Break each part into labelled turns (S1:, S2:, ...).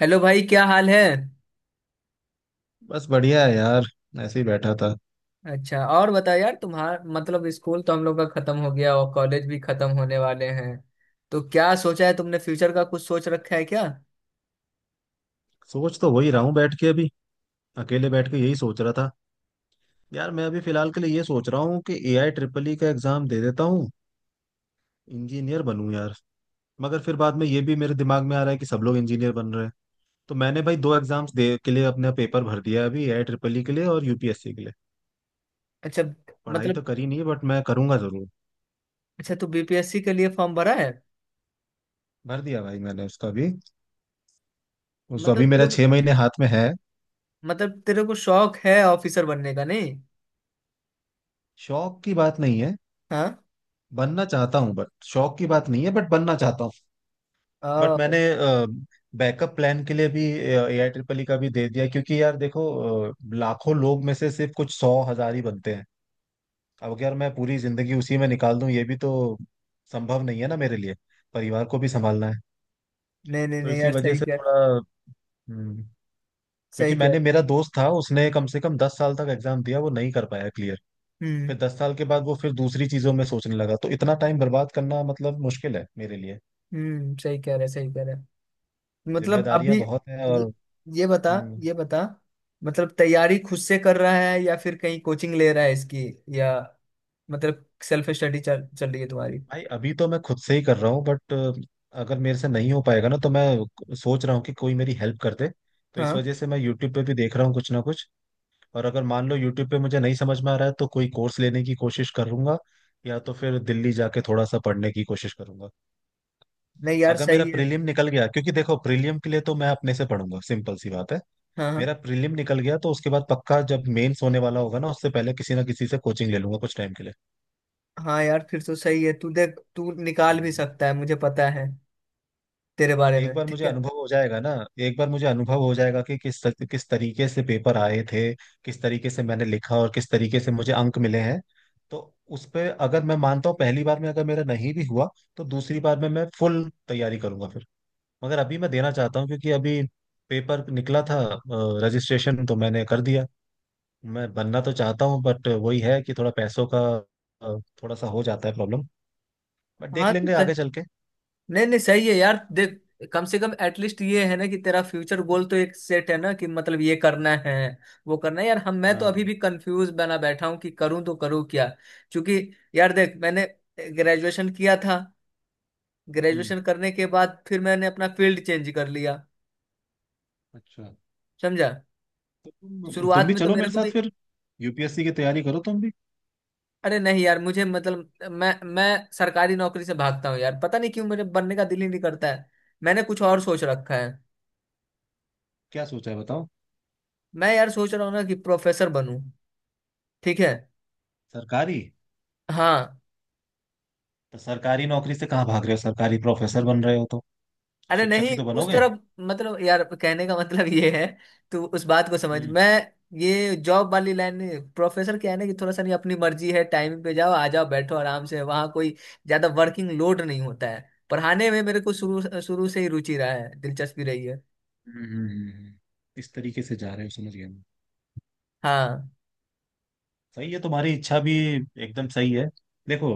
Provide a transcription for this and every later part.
S1: Hello भाई, क्या हाल है?
S2: बस बढ़िया है यार। ऐसे ही बैठा था।
S1: अच्छा, और बताओ यार, तुम्हारा मतलब स्कूल तो हम लोग का खत्म हो गया और कॉलेज भी खत्म होने वाले हैं। तो क्या सोचा है तुमने? फ्यूचर का कुछ सोच रखा है क्या?
S2: सोच तो वही रहा हूँ बैठ के अभी। अकेले बैठ के यही सोच रहा था। यार मैं अभी फिलहाल के लिए ये सोच रहा हूँ कि एआई ट्रिपल ई का एग्जाम दे देता हूँ। इंजीनियर बनूँ यार। मगर फिर बाद में ये भी मेरे दिमाग में आ रहा है कि सब लोग इंजीनियर बन रहे हैं। तो मैंने भाई दो एग्जाम्स दे के लिए अपना पेपर भर दिया है अभी, एआई ट्रिपल ई के लिए और यूपीएससी के लिए।
S1: अच्छा।
S2: पढ़ाई तो
S1: मतलब,
S2: करी नहीं बट मैं करूंगा जरूर।
S1: अच्छा तू बीपीएससी के लिए फॉर्म भरा है?
S2: भर दिया भाई मैंने उसका भी। उस
S1: मतलब
S2: अभी
S1: तेरे
S2: मेरा
S1: को
S2: 6 महीने हाथ में है।
S1: मतलब तेरे को शौक है ऑफिसर बनने का, नहीं?
S2: शौक की बात नहीं है।
S1: हाँ।
S2: बनना चाहता हूँ बट शौक की बात नहीं है, बट बनना चाहता हूँ। बट
S1: आ,
S2: मैंने बैकअप प्लान के लिए भी ए आई ट्रिपल ई का भी दे दिया, क्योंकि यार देखो लाखों लोग में से सिर्फ कुछ सौ हजार ही बनते हैं। अब अगर मैं पूरी जिंदगी उसी में निकाल दूं ये भी तो संभव नहीं है ना मेरे लिए। परिवार को भी संभालना है।
S1: नहीं, नहीं,
S2: तो
S1: नहीं
S2: इसी
S1: यार,
S2: वजह
S1: सही
S2: से
S1: कह।
S2: थोड़ा हम्म, क्योंकि
S1: सही कह
S2: मैंने, मेरा दोस्त था उसने कम से कम 10 साल तक एग्जाम दिया, वो नहीं कर पाया क्लियर।
S1: रहे। हम्म।
S2: फिर 10 साल के बाद वो फिर दूसरी चीजों में सोचने लगा, तो इतना टाइम बर्बाद करना मतलब मुश्किल है मेरे लिए।
S1: सही कह रहे, सही कह रहे। मतलब अभी
S2: जिम्मेदारियां बहुत हैं और
S1: ये, ये बता।
S2: हम्म,
S1: ये बता मतलब तैयारी खुद से कर रहा है, या फिर कहीं कोचिंग ले रहा है इसकी, या मतलब सेल्फ स्टडी चल चल रही है तुम्हारी?
S2: भाई अभी तो मैं खुद से ही कर रहा हूँ, बट अगर मेरे से नहीं हो पाएगा ना तो मैं सोच रहा हूँ कि कोई मेरी हेल्प कर दे। तो इस
S1: हाँ।
S2: वजह से मैं यूट्यूब पे भी देख रहा हूँ कुछ ना कुछ। और अगर मान लो यूट्यूब पे मुझे नहीं समझ में आ रहा है तो कोई कोर्स लेने की कोशिश करूंगा, या तो फिर दिल्ली जाके थोड़ा सा पढ़ने की कोशिश करूंगा।
S1: नहीं यार,
S2: अगर मेरा
S1: सही है।
S2: प्रीलिम निकल गया, क्योंकि देखो प्रीलिम के लिए तो मैं अपने से पढ़ूंगा सिंपल सी बात है।
S1: हाँ, हाँ।
S2: मेरा प्रीलिम निकल गया तो उसके बाद पक्का, जब मेंस होने वाला होगा ना उससे पहले किसी ना किसी से कोचिंग ले लूंगा कुछ टाइम के लिए।
S1: हाँ यार, फिर तो सही है। तू देख, तू निकाल भी
S2: हम्म।
S1: सकता है, मुझे पता है तेरे बारे
S2: एक
S1: में।
S2: बार
S1: ठीक
S2: मुझे
S1: है।
S2: अनुभव हो जाएगा ना, एक बार मुझे अनुभव हो जाएगा कि किस तरीके से पेपर आए थे, किस तरीके से मैंने लिखा और किस तरीके से मुझे अंक मिले हैं। तो उस पे अगर मैं मानता हूँ पहली बार में अगर मेरा नहीं भी हुआ, तो दूसरी बार में मैं फुल तैयारी करूंगा फिर। मगर अभी मैं देना चाहता हूँ क्योंकि अभी पेपर निकला था, रजिस्ट्रेशन तो मैंने कर दिया। मैं बनना तो चाहता हूँ बट वही है कि थोड़ा पैसों का थोड़ा सा हो जाता है प्रॉब्लम। बट देख
S1: हाँ, तो
S2: लेंगे आगे चल के।
S1: नहीं, नहीं, सही है यार, देख। कम से कम एटलीस्ट ये है ना कि तेरा फ्यूचर गोल तो एक सेट है, ना कि मतलब ये करना है, वो करना है। यार, हम मैं तो
S2: हाँ।
S1: अभी भी कंफ्यूज बना बैठा हूँ कि करूँ तो करूँ क्या। क्योंकि यार, देख मैंने ग्रेजुएशन किया था।
S2: हम्म।
S1: ग्रेजुएशन करने के बाद फिर मैंने अपना फील्ड चेंज कर लिया,
S2: अच्छा
S1: समझा।
S2: तो तुम
S1: शुरुआत
S2: भी
S1: में तो
S2: चलो
S1: मेरे
S2: मेरे
S1: को
S2: साथ
S1: भी।
S2: फिर, यूपीएससी की तैयारी करो तुम भी।
S1: अरे नहीं यार, मुझे मतलब मैं सरकारी नौकरी से भागता हूँ यार, पता नहीं क्यों मेरे बनने का दिल ही नहीं करता है। मैंने कुछ और सोच रखा है।
S2: क्या सोचा है बताओ।
S1: मैं यार सोच रहा हूँ ना कि प्रोफेसर बनूं। ठीक है।
S2: सरकारी?
S1: हाँ।
S2: तो सरकारी नौकरी से कहाँ भाग रहे हो, सरकारी प्रोफेसर बन रहे हो तो।
S1: अरे
S2: शिक्षक
S1: नहीं,
S2: ही तो
S1: उस
S2: बनोगे।
S1: तरफ मतलब, यार कहने का मतलब ये है, तू उस बात को समझ।
S2: हम्म,
S1: मैं ये जॉब वाली लाइन नहीं। प्रोफेसर क्या है ना कि थोड़ा सा नहीं, अपनी मर्जी है, टाइम पे जाओ, आ जाओ, बैठो आराम से, वहाँ कोई ज्यादा वर्किंग लोड नहीं होता है। पढ़ाने में मेरे को शुरू शुरू से ही रुचि रहा है, दिलचस्पी रही है।
S2: हम्म, हम्म, हम्म। इस तरीके से जा रहे हो, समझ गया मैं।
S1: हाँ,
S2: सही है तुम्हारी इच्छा भी। एकदम सही है। देखो,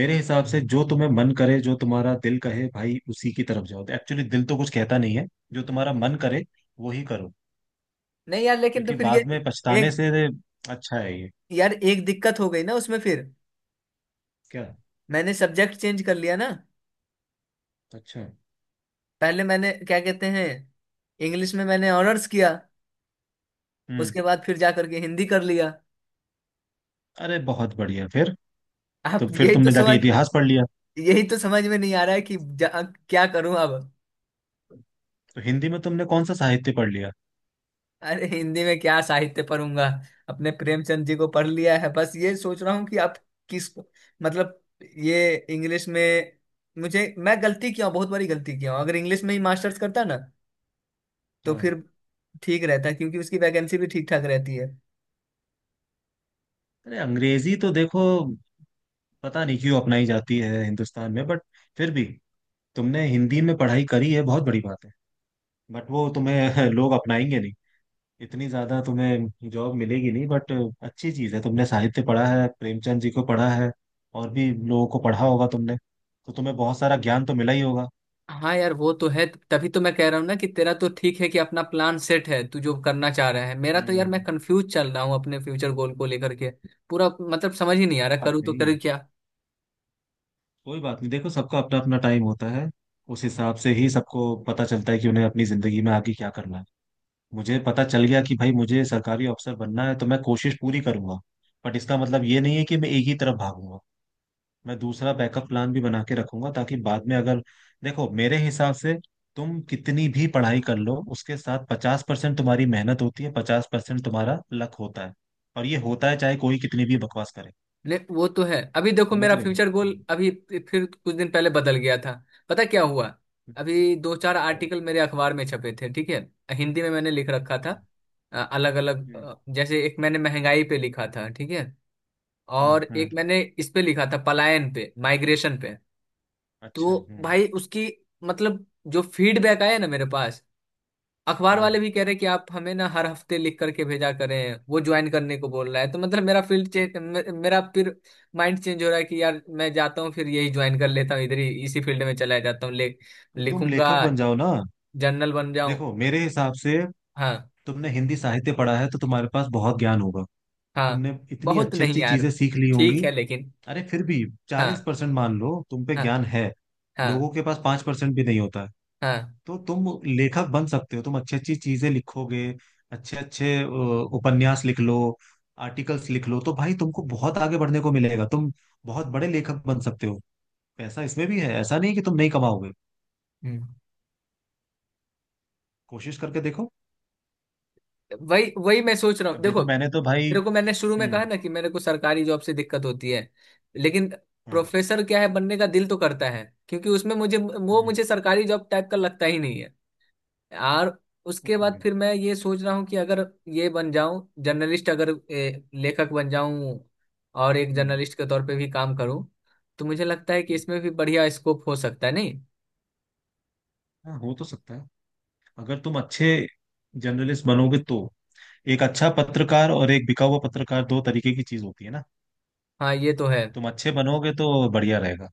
S2: मेरे हिसाब से जो तुम्हें मन करे जो तुम्हारा दिल कहे भाई उसी की तरफ जाओ। एक्चुअली दिल तो कुछ कहता नहीं है। जो तुम्हारा मन करे वो ही करो।
S1: नहीं यार, लेकिन तो
S2: क्योंकि
S1: फिर ये
S2: बाद में पछताने
S1: एक
S2: से अच्छा है ये।
S1: यार, एक दिक्कत हो गई ना उसमें फिर।
S2: क्या?
S1: मैंने सब्जेक्ट चेंज कर लिया ना।
S2: अच्छा।
S1: पहले मैंने क्या कहते हैं, इंग्लिश में मैंने ऑनर्स किया।
S2: हम्म।
S1: उसके बाद फिर जा करके हिंदी कर लिया।
S2: अरे बहुत बढ़िया फिर
S1: आप
S2: तो। फिर तुमने जाके इतिहास पढ़ लिया?
S1: यही तो समझ में नहीं आ रहा है कि क्या करूं अब।
S2: तो हिंदी में तुमने कौन सा साहित्य पढ़ लिया?
S1: अरे हिंदी में क्या साहित्य पढ़ूंगा, अपने प्रेमचंद जी को पढ़ लिया है बस। ये सोच रहा हूँ कि आप किस मतलब, ये इंग्लिश में, मुझे मैं गलती किया हूं, बहुत बड़ी गलती किया हूं। अगर इंग्लिश में ही मास्टर्स करता ना, तो
S2: हाँ।
S1: फिर ठीक रहता, क्योंकि उसकी वैकेंसी भी ठीक ठाक रहती है।
S2: अरे अंग्रेजी तो देखो, पता नहीं क्यों अपनाई जाती है हिंदुस्तान में बट, फिर भी तुमने हिंदी में पढ़ाई करी है बहुत बड़ी बात है। बट वो तुम्हें लोग अपनाएंगे नहीं, इतनी ज्यादा तुम्हें जॉब मिलेगी नहीं बट अच्छी चीज है तुमने साहित्य पढ़ा है, प्रेमचंद जी को पढ़ा है, और भी लोगों को पढ़ा होगा तुमने। तो तुम्हें बहुत सारा ज्ञान तो मिला ही होगा।
S1: हाँ यार, वो तो है। तभी तो मैं कह रहा हूँ ना कि तेरा तो ठीक है कि अपना प्लान सेट है, तू जो करना चाह रहा है। मेरा तो यार, मैं
S2: हम्म।
S1: कंफ्यूज चल रहा हूँ अपने फ्यूचर गोल को लेकर के। पूरा मतलब समझ ही नहीं आ
S2: कोई
S1: रहा,
S2: बात
S1: करूँ तो
S2: नहीं,
S1: करूँ क्या।
S2: कोई बात नहीं। देखो सबका अपना अपना टाइम होता है। उस हिसाब से ही सबको पता चलता है कि उन्हें अपनी जिंदगी में आगे क्या करना है। मुझे पता चल गया कि भाई मुझे सरकारी अफसर बनना है तो मैं कोशिश पूरी करूंगा। बट इसका मतलब ये नहीं है कि मैं एक ही तरफ भागूंगा। मैं दूसरा बैकअप प्लान भी बना के रखूंगा ताकि बाद में अगर, देखो मेरे हिसाब से तुम कितनी भी पढ़ाई कर लो उसके साथ 50% तुम्हारी मेहनत होती है, 50% तुम्हारा लक होता है। और ये होता है चाहे कोई कितनी भी बकवास करे।
S1: नहीं, वो तो है। अभी देखो
S2: समझ
S1: मेरा
S2: रहे हो।
S1: फ्यूचर गोल
S2: हम्म।
S1: अभी फिर कुछ दिन पहले बदल गया था। पता क्या हुआ, अभी दो चार
S2: क्या बात।
S1: आर्टिकल मेरे अखबार में छपे थे, ठीक है। हिंदी में मैंने लिख रखा था,
S2: अच्छा।
S1: अलग अलग।
S2: हम्म,
S1: जैसे एक मैंने महंगाई पे लिखा था, ठीक है।
S2: हम्म,
S1: और एक मैंने इस पे लिखा था, पलायन पे, माइग्रेशन पे।
S2: अच्छा।
S1: तो
S2: हम्म।
S1: भाई उसकी मतलब, जो फीडबैक आया ना मेरे पास, अखबार वाले
S2: हाँ।
S1: भी कह रहे कि आप हमें ना हर हफ्ते लिख करके भेजा करें, वो ज्वाइन करने को बोल रहा है। तो मतलब मेरा फिर माइंड चेंज हो रहा है कि यार, मैं जाता हूँ फिर यही ज्वाइन कर लेता हूँ, इधर ही इसी फील्ड में चला जाता हूँ, ले।
S2: तो तुम
S1: लिखूंगा,
S2: लेखक बन जाओ ना।
S1: जर्नल बन जाऊं।
S2: देखो मेरे हिसाब से
S1: हाँ।
S2: तुमने हिंदी साहित्य पढ़ा है तो तुम्हारे पास बहुत ज्ञान होगा।
S1: हाँ।
S2: तुमने इतनी
S1: बहुत
S2: अच्छी
S1: नहीं
S2: अच्छी
S1: यार।
S2: चीजें सीख ली होंगी।
S1: ठीक है, लेकिन।
S2: अरे फिर भी चालीस
S1: हाँ,
S2: परसेंट मान लो तुम पे
S1: हाँ,
S2: ज्ञान है,
S1: हाँ,
S2: लोगों के पास 5% भी नहीं होता है।
S1: हाँ।
S2: तो तुम लेखक बन सकते हो, तुम अच्छी अच्छी चीजें लिखोगे, अच्छे अच्छे उपन्यास लिख लो, आर्टिकल्स लिख लो, तो भाई तुमको बहुत आगे बढ़ने को मिलेगा। तुम बहुत बड़े लेखक बन सकते हो। पैसा इसमें भी है, ऐसा नहीं कि तुम नहीं कमाओगे।
S1: हम्म।
S2: कोशिश करके देखो।
S1: वही वही मैं सोच रहा हूँ,
S2: अब
S1: देखो।
S2: देखो मैंने तो भाई,
S1: तेरे को मैंने शुरू में कहा
S2: हम्म।
S1: ना कि मेरे को सरकारी जॉब से दिक्कत होती है, लेकिन
S2: हाँ।
S1: प्रोफेसर क्या है, बनने का दिल तो करता है। क्योंकि उसमें मुझे वो
S2: हम्म।
S1: मुझे सरकारी जॉब टाइप का लगता ही नहीं है। और
S2: वो
S1: उसके
S2: तो
S1: बाद
S2: है,
S1: फिर मैं ये सोच रहा हूँ कि अगर ये बन जाऊं जर्नलिस्ट, अगर लेखक बन जाऊं, और एक
S2: हम्म,
S1: जर्नलिस्ट के तौर पे भी काम करूं, तो मुझे लगता है कि
S2: हम्म,
S1: इसमें भी बढ़िया स्कोप हो सकता है, नहीं?
S2: हाँ हो तो सकता है। अगर तुम अच्छे जर्नलिस्ट बनोगे तो, एक अच्छा पत्रकार और एक बिका हुआ पत्रकार, दो तरीके की चीज होती है ना।
S1: हाँ, ये तो है।
S2: तुम अच्छे बनोगे तो बढ़िया रहेगा।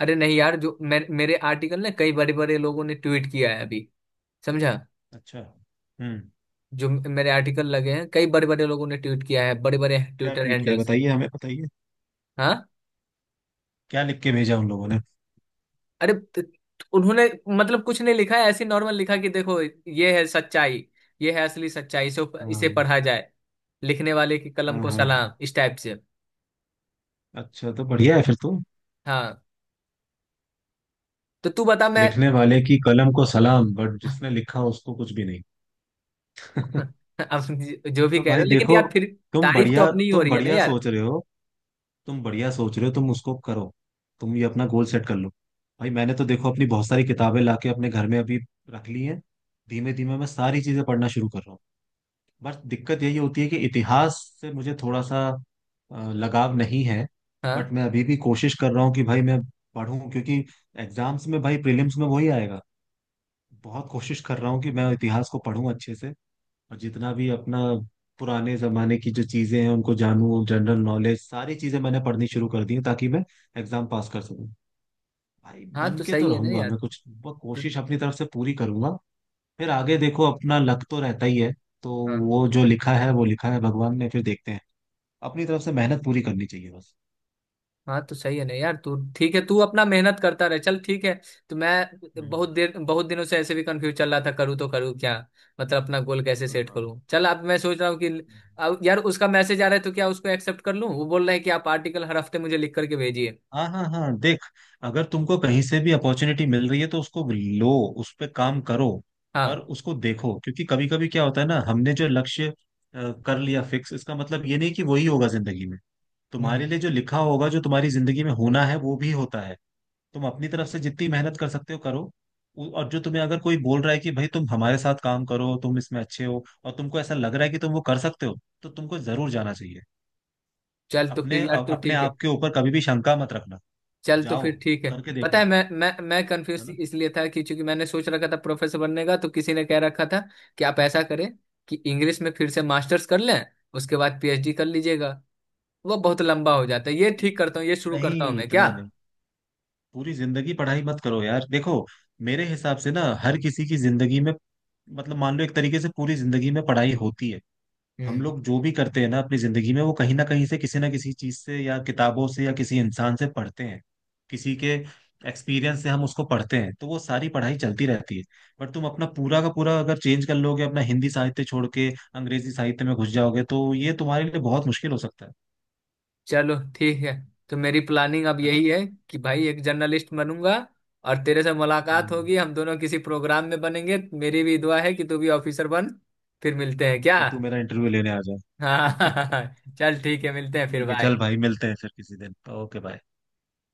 S1: अरे नहीं यार, जो मेरे आर्टिकल ने कई बड़े बड़े लोगों ने ट्वीट किया है अभी, समझा।
S2: अच्छा। हम्म।
S1: जो मेरे आर्टिकल लगे हैं, कई बड़े बड़े लोगों ने ट्वीट किया है, बड़े बड़े
S2: क्या
S1: ट्विटर
S2: ट्वीट किया,
S1: हैंडल से।
S2: बताइए हमें, बताइए
S1: हाँ।
S2: क्या लिख के भेजा उन लोगों ने।
S1: अरे उन्होंने मतलब कुछ नहीं लिखा है, ऐसे नॉर्मल लिखा, कि देखो, ये है सच्चाई, ये है असली सच्चाई, इसे इसे
S2: हाँ,
S1: पढ़ा जाए, लिखने वाले की कलम
S2: हाँ,
S1: को
S2: हाँ, हाँ।
S1: सलाम, इस टाइप से।
S2: अच्छा तो बढ़िया है फिर तो।
S1: हाँ, तो तू बता मैं।
S2: लिखने वाले की कलम को सलाम, बट जिसने लिखा उसको कुछ भी नहीं।
S1: अब जो भी
S2: तो
S1: कह रहे हो,
S2: भाई
S1: लेकिन
S2: देखो,
S1: यार फिर
S2: तुम
S1: तारीफ तो
S2: बढ़िया
S1: अपनी ही हो
S2: तुम
S1: रही है ना
S2: बढ़िया
S1: यार।
S2: सोच रहे हो, तुम बढ़िया सोच रहे हो, तुम उसको करो। तुम ये अपना गोल सेट कर लो। भाई मैंने तो देखो अपनी बहुत सारी किताबें लाके अपने घर में अभी रख ली हैं। धीमे धीमे मैं सारी चीजें पढ़ना शुरू कर रहा हूँ। बस दिक्कत यही होती है कि इतिहास से मुझे थोड़ा सा लगाव नहीं है।
S1: हाँ।
S2: बट मैं अभी भी कोशिश कर रहा हूँ कि भाई मैं पढूं, क्योंकि एग्जाम्स में भाई प्रीलिम्स में वही आएगा। बहुत कोशिश कर रहा हूँ कि मैं इतिहास को पढूं अच्छे से, और जितना भी अपना पुराने जमाने की जो चीजें हैं उनको जानूं। जनरल नॉलेज सारी चीजें मैंने पढ़नी शुरू कर दी हैं ताकि मैं एग्जाम पास कर सकूं। भाई
S1: हाँ,
S2: बन
S1: तो
S2: के तो
S1: सही है ना
S2: रहूंगा
S1: यार।
S2: मैं कुछ
S1: तो,
S2: कोशिश अपनी तरफ से पूरी करूंगा। फिर आगे देखो अपना लक तो रहता ही है। तो
S1: हाँ।
S2: वो जो लिखा है वो लिखा है भगवान ने, फिर देखते हैं। अपनी तरफ से मेहनत पूरी करनी चाहिए बस।
S1: हाँ, तो सही है ना यार, तू ठीक है। तू अपना मेहनत करता रहे, चल ठीक है। तो मैं
S2: हम्म।
S1: बहुत दिनों से ऐसे भी कंफ्यूज चल रहा था, करूँ तो करूँ क्या, मतलब अपना गोल कैसे सेट
S2: हाँ,
S1: करूँ। चल, अब मैं सोच रहा हूँ कि
S2: हाँ,
S1: अब यार उसका मैसेज आ रहा है, तो क्या उसको एक्सेप्ट कर लूँ, वो बोल रहा है कि आप आर्टिकल हर हफ्ते मुझे लिख करके भेजिए।
S2: हाँ, हाँ, हाँ देख, अगर तुमको कहीं से भी अपॉर्चुनिटी मिल रही है तो उसको लो, उस पे काम करो और
S1: हाँ।
S2: उसको देखो। क्योंकि कभी कभी क्या होता है ना, हमने जो लक्ष्य कर लिया फिक्स, इसका मतलब ये नहीं कि वही होगा जिंदगी में। तुम्हारे
S1: हम्म।
S2: लिए जो लिखा होगा, जो तुम्हारी जिंदगी में होना है वो भी होता है। तुम अपनी तरफ से जितनी मेहनत कर सकते हो करो। और जो तुम्हें अगर कोई बोल रहा है कि भाई तुम हमारे साथ काम करो, तुम इसमें अच्छे हो और तुमको ऐसा लग रहा है कि तुम वो कर सकते हो, तो तुमको जरूर जाना चाहिए।
S1: चल, तो फिर यार तू
S2: अपने
S1: ठीक है।
S2: आप के ऊपर कभी भी शंका मत रखना।
S1: चल, तो
S2: जाओ,
S1: फिर ठीक है।
S2: करके
S1: पता है,
S2: देखो।
S1: मैं
S2: है
S1: कंफ्यूज
S2: ना।
S1: इसलिए था कि चूंकि मैंने सोच रखा था प्रोफेसर बनने का, तो किसी ने कह रखा था कि आप ऐसा करें कि इंग्लिश में फिर से मास्टर्स कर लें, उसके बाद पीएचडी कर लीजिएगा। वो बहुत लंबा हो जाता है। ये ठीक करता हूँ, ये शुरू करता हूँ
S2: नहीं,
S1: मैं क्या।
S2: इतना नहीं। पूरी जिंदगी पढ़ाई मत करो यार। देखो मेरे हिसाब से ना हर किसी की जिंदगी में, मतलब मान लो एक तरीके से पूरी जिंदगी में पढ़ाई होती है। हम
S1: हम्म।
S2: लोग जो भी करते हैं ना अपनी जिंदगी में, वो कहीं ना कहीं से किसी ना किसी चीज से या किताबों से या किसी इंसान से पढ़ते हैं, किसी के एक्सपीरियंस से हम उसको पढ़ते हैं। तो वो सारी पढ़ाई चलती रहती है। बट तुम अपना पूरा का पूरा अगर चेंज कर लोगे, अपना हिंदी साहित्य छोड़ के अंग्रेजी साहित्य में घुस जाओगे, तो ये तुम्हारे लिए बहुत मुश्किल हो सकता है।
S1: चलो ठीक है। तो मेरी प्लानिंग अब
S2: है ना।
S1: यही है कि भाई एक जर्नलिस्ट बनूंगा, और तेरे से मुलाकात
S2: हम्म,
S1: होगी, हम दोनों किसी प्रोग्राम में बनेंगे। मेरी भी दुआ है कि तू भी ऑफिसर बन। फिर मिलते हैं क्या?
S2: फिर तू मेरा इंटरव्यू लेने आ जा।
S1: हाँ। चल ठीक है, मिलते हैं फिर।
S2: ठीक है चल
S1: बाय।
S2: भाई, मिलते हैं फिर किसी दिन। Okay, bye.